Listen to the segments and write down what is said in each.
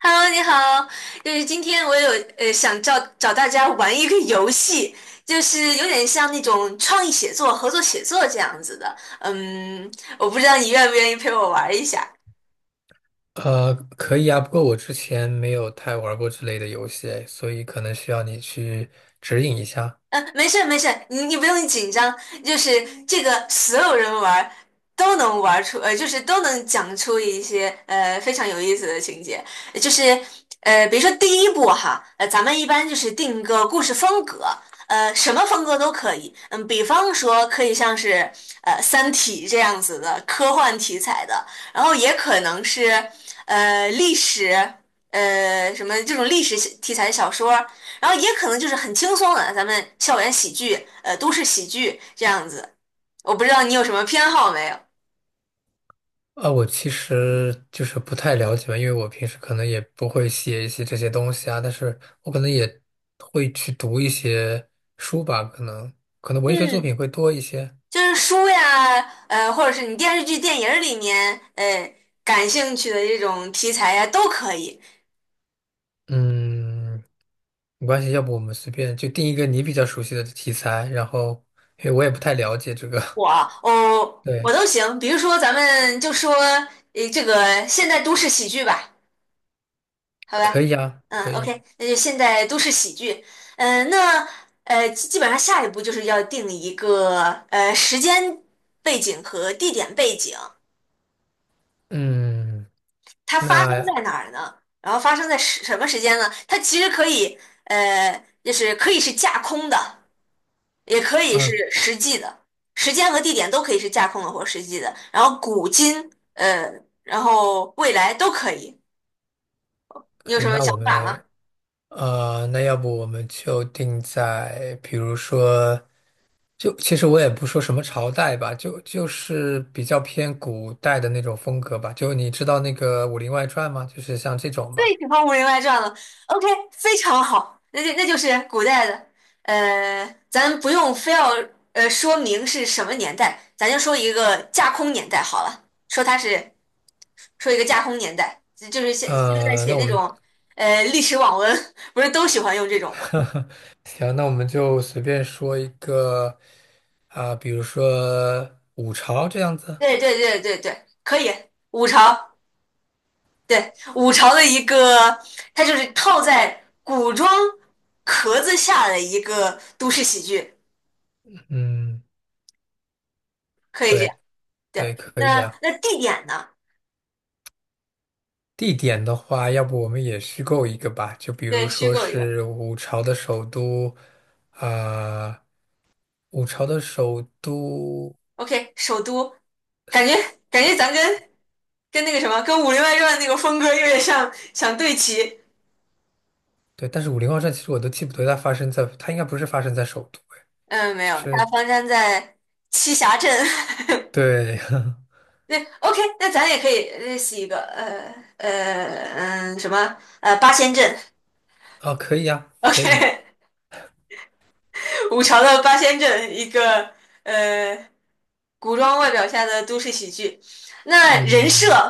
Hello，你好，就是今天我有想找找大家玩一个游戏，就是有点像那种创意写作、合作写作这样子的。嗯，我不知道你愿不愿意陪我玩一下。可以啊，不过我之前没有太玩过之类的游戏，所以可能需要你去指引一下。嗯，没事没事，你不用紧张，就是这个所有人玩儿都能玩儿出，就是都能讲出一些非常有意思的情节，呃就是比如说第一步哈，咱们一般就是定一个故事风格，什么风格都可以，嗯，比方说可以像是《三体》这样子的科幻题材的，然后也可能是历史。什么这种历史题材的小说，然后也可能就是很轻松的，咱们校园喜剧，都市喜剧这样子。我不知道你有什么偏好没有？啊，我其实就是不太了解嘛，因为我平时可能也不会写一些这些东西啊，但是我可能也会去读一些书吧，可能文学作嗯，品会多一些。就是书呀，或者是你电视剧、电影儿里面，感兴趣的这种题材呀，都可以。嗯，没关系，要不我们随便就定一个你比较熟悉的题材，然后因为我也不太了解这个。我啊，哦，我对，都行。比如说，咱们就说，这个现代都市喜剧吧。好吧，可以啊，嗯可以。，OK，那就现在都市喜剧，嗯、那基本上下一步就是要定一个时间背景和地点背景，嗯，它发生那在哪儿呢？然后发生在什么时间呢？它其实可以就是可以是架空的，也可以是呃。实际的，时间和地点都可以是架空的或实际的，然后古今然后未来都可以。你有可以，什么那想我法吗？们那要不我们就定在，比如说，就其实我也不说什么朝代吧，就是比较偏古代的那种风格吧。就你知道那个《武林外传》吗？就是像这种最吧。喜欢《武林外传》了。OK，非常好，那就是古代的，咱不用非要说明是什么年代，咱就说一个架空年代好了，说它是说一个架空年代，就是现在呃，写那我那们 种历史网文，不是都喜欢用这种吗？行，那我们就随便说一个啊，比如说五朝这样子。对对对对对，可以，五朝。对，五朝的一个，它就是套在古装壳子下的一个都市喜剧，嗯，可以这样。对对，对，可以那啊。那地点呢？地点的话，要不我们也虚构一个吧，就比对，如虚说构一个。是五朝的首都，啊、五朝的首都，OK，首都，感觉感觉咱跟跟那个什么，跟《武林外传》那个风格有点像，想对齐。对，但是武林豪传其实我都记不得它发生在，它应该不是发生在首都，嗯，没就有，他是发生在栖霞镇。对。对，OK，那咱也可以认识一个，什么八仙镇。哦，可以呀，可以，OK，五朝的八仙镇一个呃古装外表下的都市喜剧。那人设，嗯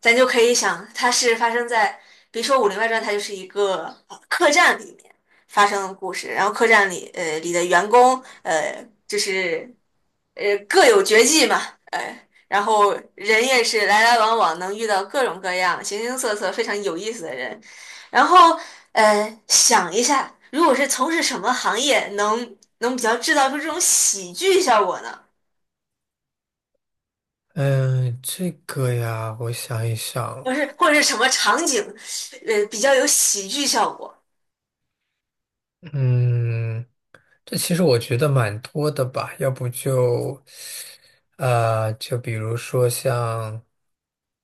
咱就可以想，它是发生在，比如说《武林外传》，它就是一个客栈里面发生的故事，然后客栈里里的员工就是各有绝技嘛，然后人也是来来往往，能遇到各种各样形形色色非常有意思的人。然后想一下，如果是从事什么行业能比较制造出这种喜剧效果呢？嗯，这个呀，我想一想，不是，或者是什么场景，比较有喜剧效果。嗯。这其实我觉得蛮多的吧，要不就，呃，就比如说像，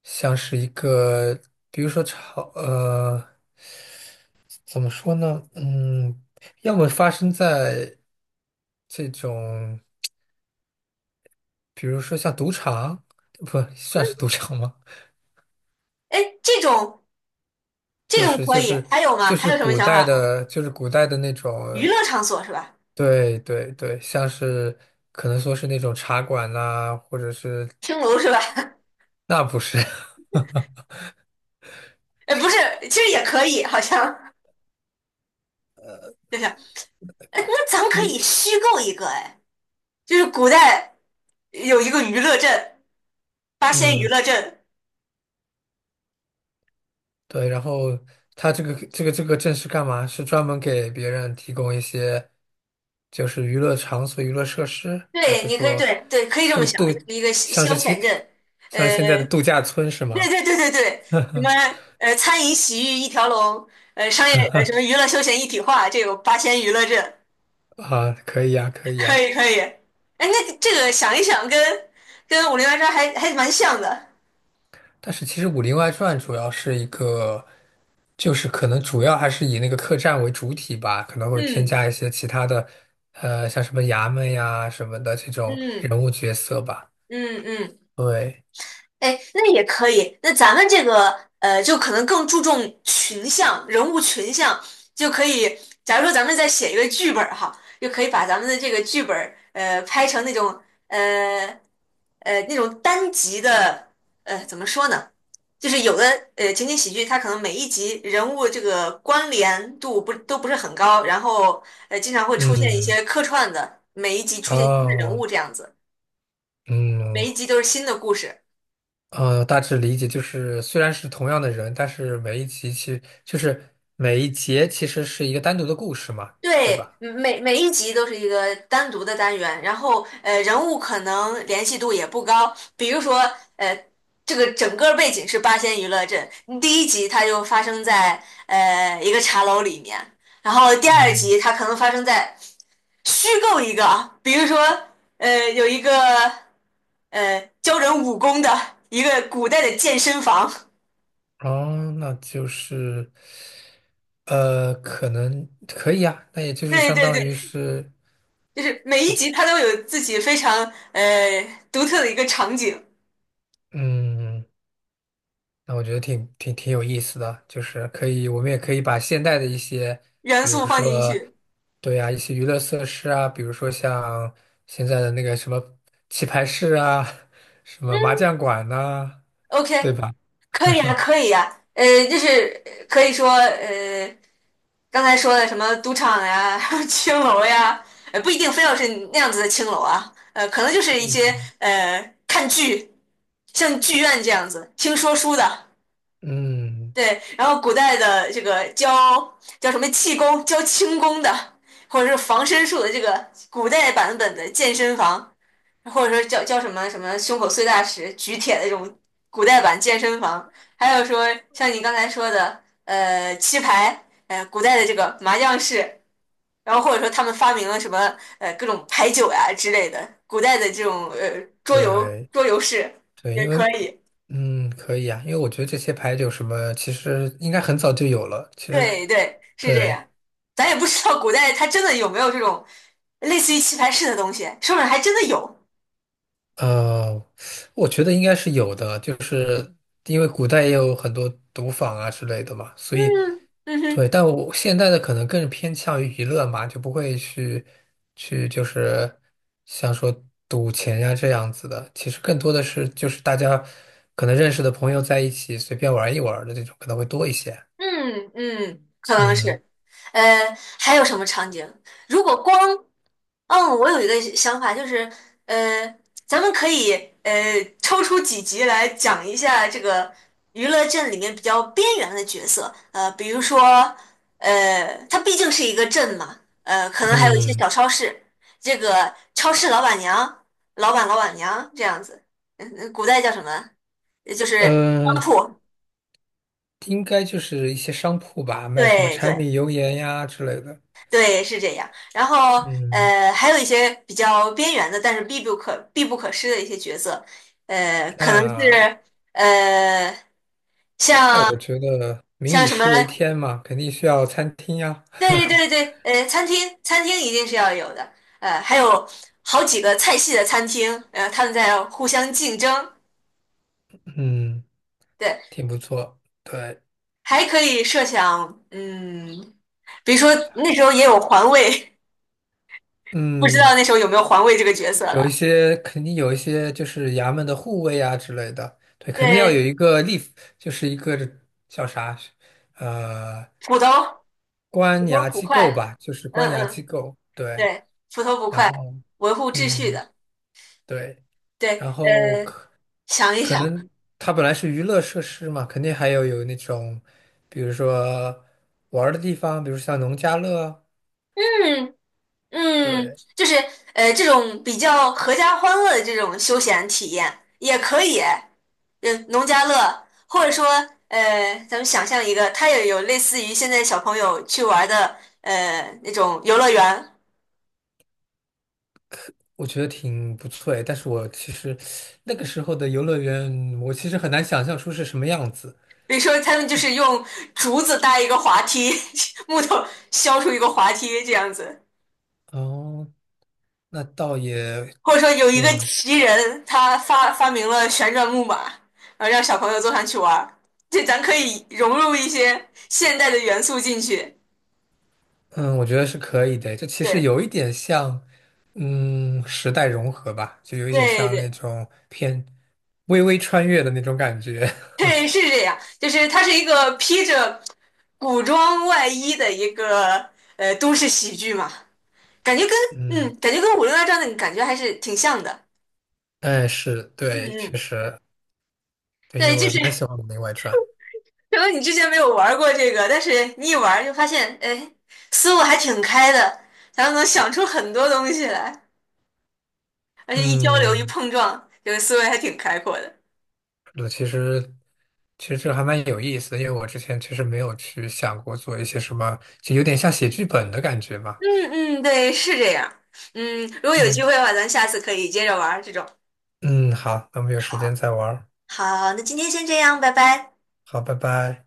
像是一个，比如说炒，呃，怎么说呢？嗯，要么发生在这种，比如说像赌场，不算是赌场吗？哎，这种这就种是可就以，是还有吗？就还是有什么古想代法吗？的，就是古代的那种，娱乐场所是吧？对对对，像是可能说是那种茶馆啦、或者是青楼是吧？那不是。哎，不是，其实也可以，好像就是，哎，那咱们可以虚构一个，哎，就是古代有一个娱乐镇，八 仙娱嗯。乐镇，对，然后他这个证是干嘛？是专门给别人提供一些就是娱乐场所、娱乐设施，还对，是你可以，说对对，可以这么度想，度就是一个像消是消现遣镇，像是现在的呃，度假村是对吗？对对对对，什么餐饮洗浴一条龙，商业什么娱乐休闲一体化，这有八仙娱乐镇，啊，可以呀，可以可呀。以可以。哎，那这个想一想跟，跟《武林外传》还蛮像的。但是其实《武林外传》主要是一个，就是可能主要还是以那个客栈为主体吧，可能会添嗯加一些其他的，呃，像什么衙门呀什么的这种嗯人物角色吧。嗯嗯。对。哎，那也可以。那咱们这个就可能更注重群像、人物群像，就可以。假如说咱们再写一个剧本儿哈，就可以把咱们的这个剧本儿拍成那种呃那种单集的怎么说呢？就是有的情景喜剧，它可能每一集人物这个关联度不是很高，然后经常会出现一嗯。些客串的，每一集出现新的人哦。物这样子，每嗯一集都是新的故事。呃，大致理解就是，虽然是同样的人，但是每一集其实就是每一节其实是一个单独的故事嘛，对对，吧？嗯每一集都是一个单独的单元，然后人物可能联系度也不高。比如说，呃，这个整个背景是八仙娱乐镇，嗯第一集它就发生在一个茶楼里面，然后第二嗯。集它可能发生在虚构一个啊，比如说有一个教人武功的一个古代的健身房。哦，那就是可能可以啊，那也就是对相对当于对，是就是每一集它都有自己非常呃独特的一个场景。嗯。那我觉得挺有意思的，就是可以，我们也可以把现代的一些，元比素如放进说，去。对啊，一些娱乐设施啊，比如说像现在的那个什么棋牌室啊，什么麻将馆呐、对 OK,吧？可以呀，可以呀，就是可以说，刚才说的什么赌场呀、青楼呀，不一定非要是那样子的青楼啊，可能就是一些看剧，像剧院这样子，听说书的，嗯，对，然后古代的这个教叫什么气功、教轻功的，或者是防身术的这个古代版本的健身房。或者说叫什么什么胸口碎大石、举铁的这种古代版健身房，还有说像你刚才说的，棋牌，古代的这个麻将室，然后或者说他们发明了什么各种牌九呀之类的，古代的这种桌游对桌游室对，也因为可以。嗯可以啊，因为我觉得这些牌九什么，其实应该很早就有了，其实对对，是这对。样。咱也不知道古代它真的有没有这种类似于棋牌室的东西，说不定还真的有。呃，我觉得应该是有的，就是因为古代也有很多赌坊啊之类的嘛，所以嗯哼，对，但我现在的可能更偏向于娱乐嘛，就不会去像说赌钱呀这样子的，其实更多的是就是大家可能认识的朋友在一起随便玩一玩儿的这种可能会多一些。嗯嗯，可能嗯是。还有什么场景？如果光，嗯，我有一个想法，就是，呃，咱们可以呃抽出几集来讲一下这个娱乐镇里面比较边缘的角色，比如说，它毕竟是一个镇嘛，可能还有一些嗯小超市，这个超市老板娘、老板娘这样子，嗯，古代叫什么？就是商呃，铺，应该就是一些商铺吧，卖什么对柴对。米油盐呀之类的。对，是这样。然后，嗯，还有一些比较边缘的，但是必不可失的一些角色，可能那。是呃，那像我觉得民像以什么，食为天嘛，肯定需要餐厅呀。对对对对，餐厅一定是要有的，还有好几个菜系的餐厅，他们在互相竞争，嗯，对，挺不错。对。还可以设想，嗯，比如说那时候也有环卫，不知道嗯，那时候有没有环卫这个角色有一了，些肯定有一些就是衙门的护卫啊之类的。对，肯定要有对，一个立，就是一个叫啥，呃，土豆。普官头衙捕机构快，吧，就是官嗯衙机嗯，构。对，对，普头捕然快，后维护秩序嗯，的，对。对，然后可想一可想，能它本来是娱乐设施嘛，肯定还有那种，比如说玩儿的地方，比如像农家乐啊嗯嗯，对，就是这种比较合家欢乐的这种休闲体验也可以，农家乐，或者说咱们想象一个，它也有类似于现在小朋友去玩的那种游乐园。我觉得挺不错诶。但是我其实那个时候的游乐园，我其实很难想象出是什么样子。比如说，他们就是用竹子搭一个滑梯，木头削出一个滑梯这样子。哦，那倒也或者说有一个挺，奇人，他发明了旋转木马，然后让小朋友坐上去玩儿，这咱可以融入一些现代的元素进去。嗯，我觉得是可以的。这其实对有一点像，嗯，时代融合吧，就有一点对像那对种偏微微穿越的那种感觉。对，是这样，就是它是一个披着古装外衣的一个都市喜剧嘛，感觉跟嗯。嗯，感觉跟《武林外传》的感觉还是挺像的。哎，是，嗯对，确嗯，实，对，因为对，我就还蛮喜是欢《武林外传》。可能你之前没有玩过这个，但是你一玩就发现，哎，思路还挺开的，咱们能想出很多东西来，而且一交流一嗯，碰撞，这个思维还挺开阔的。是的其实，其实这还蛮有意思的，因为我之前其实没有去想过做一些什么，就有点像写剧本的感觉嘛。嗯嗯，对，是这样。嗯，如果有机嗯会的话，咱下次可以接着玩儿这种。嗯，好，那我们有时间好，再玩儿好，那今天先这样，拜拜。好，拜拜。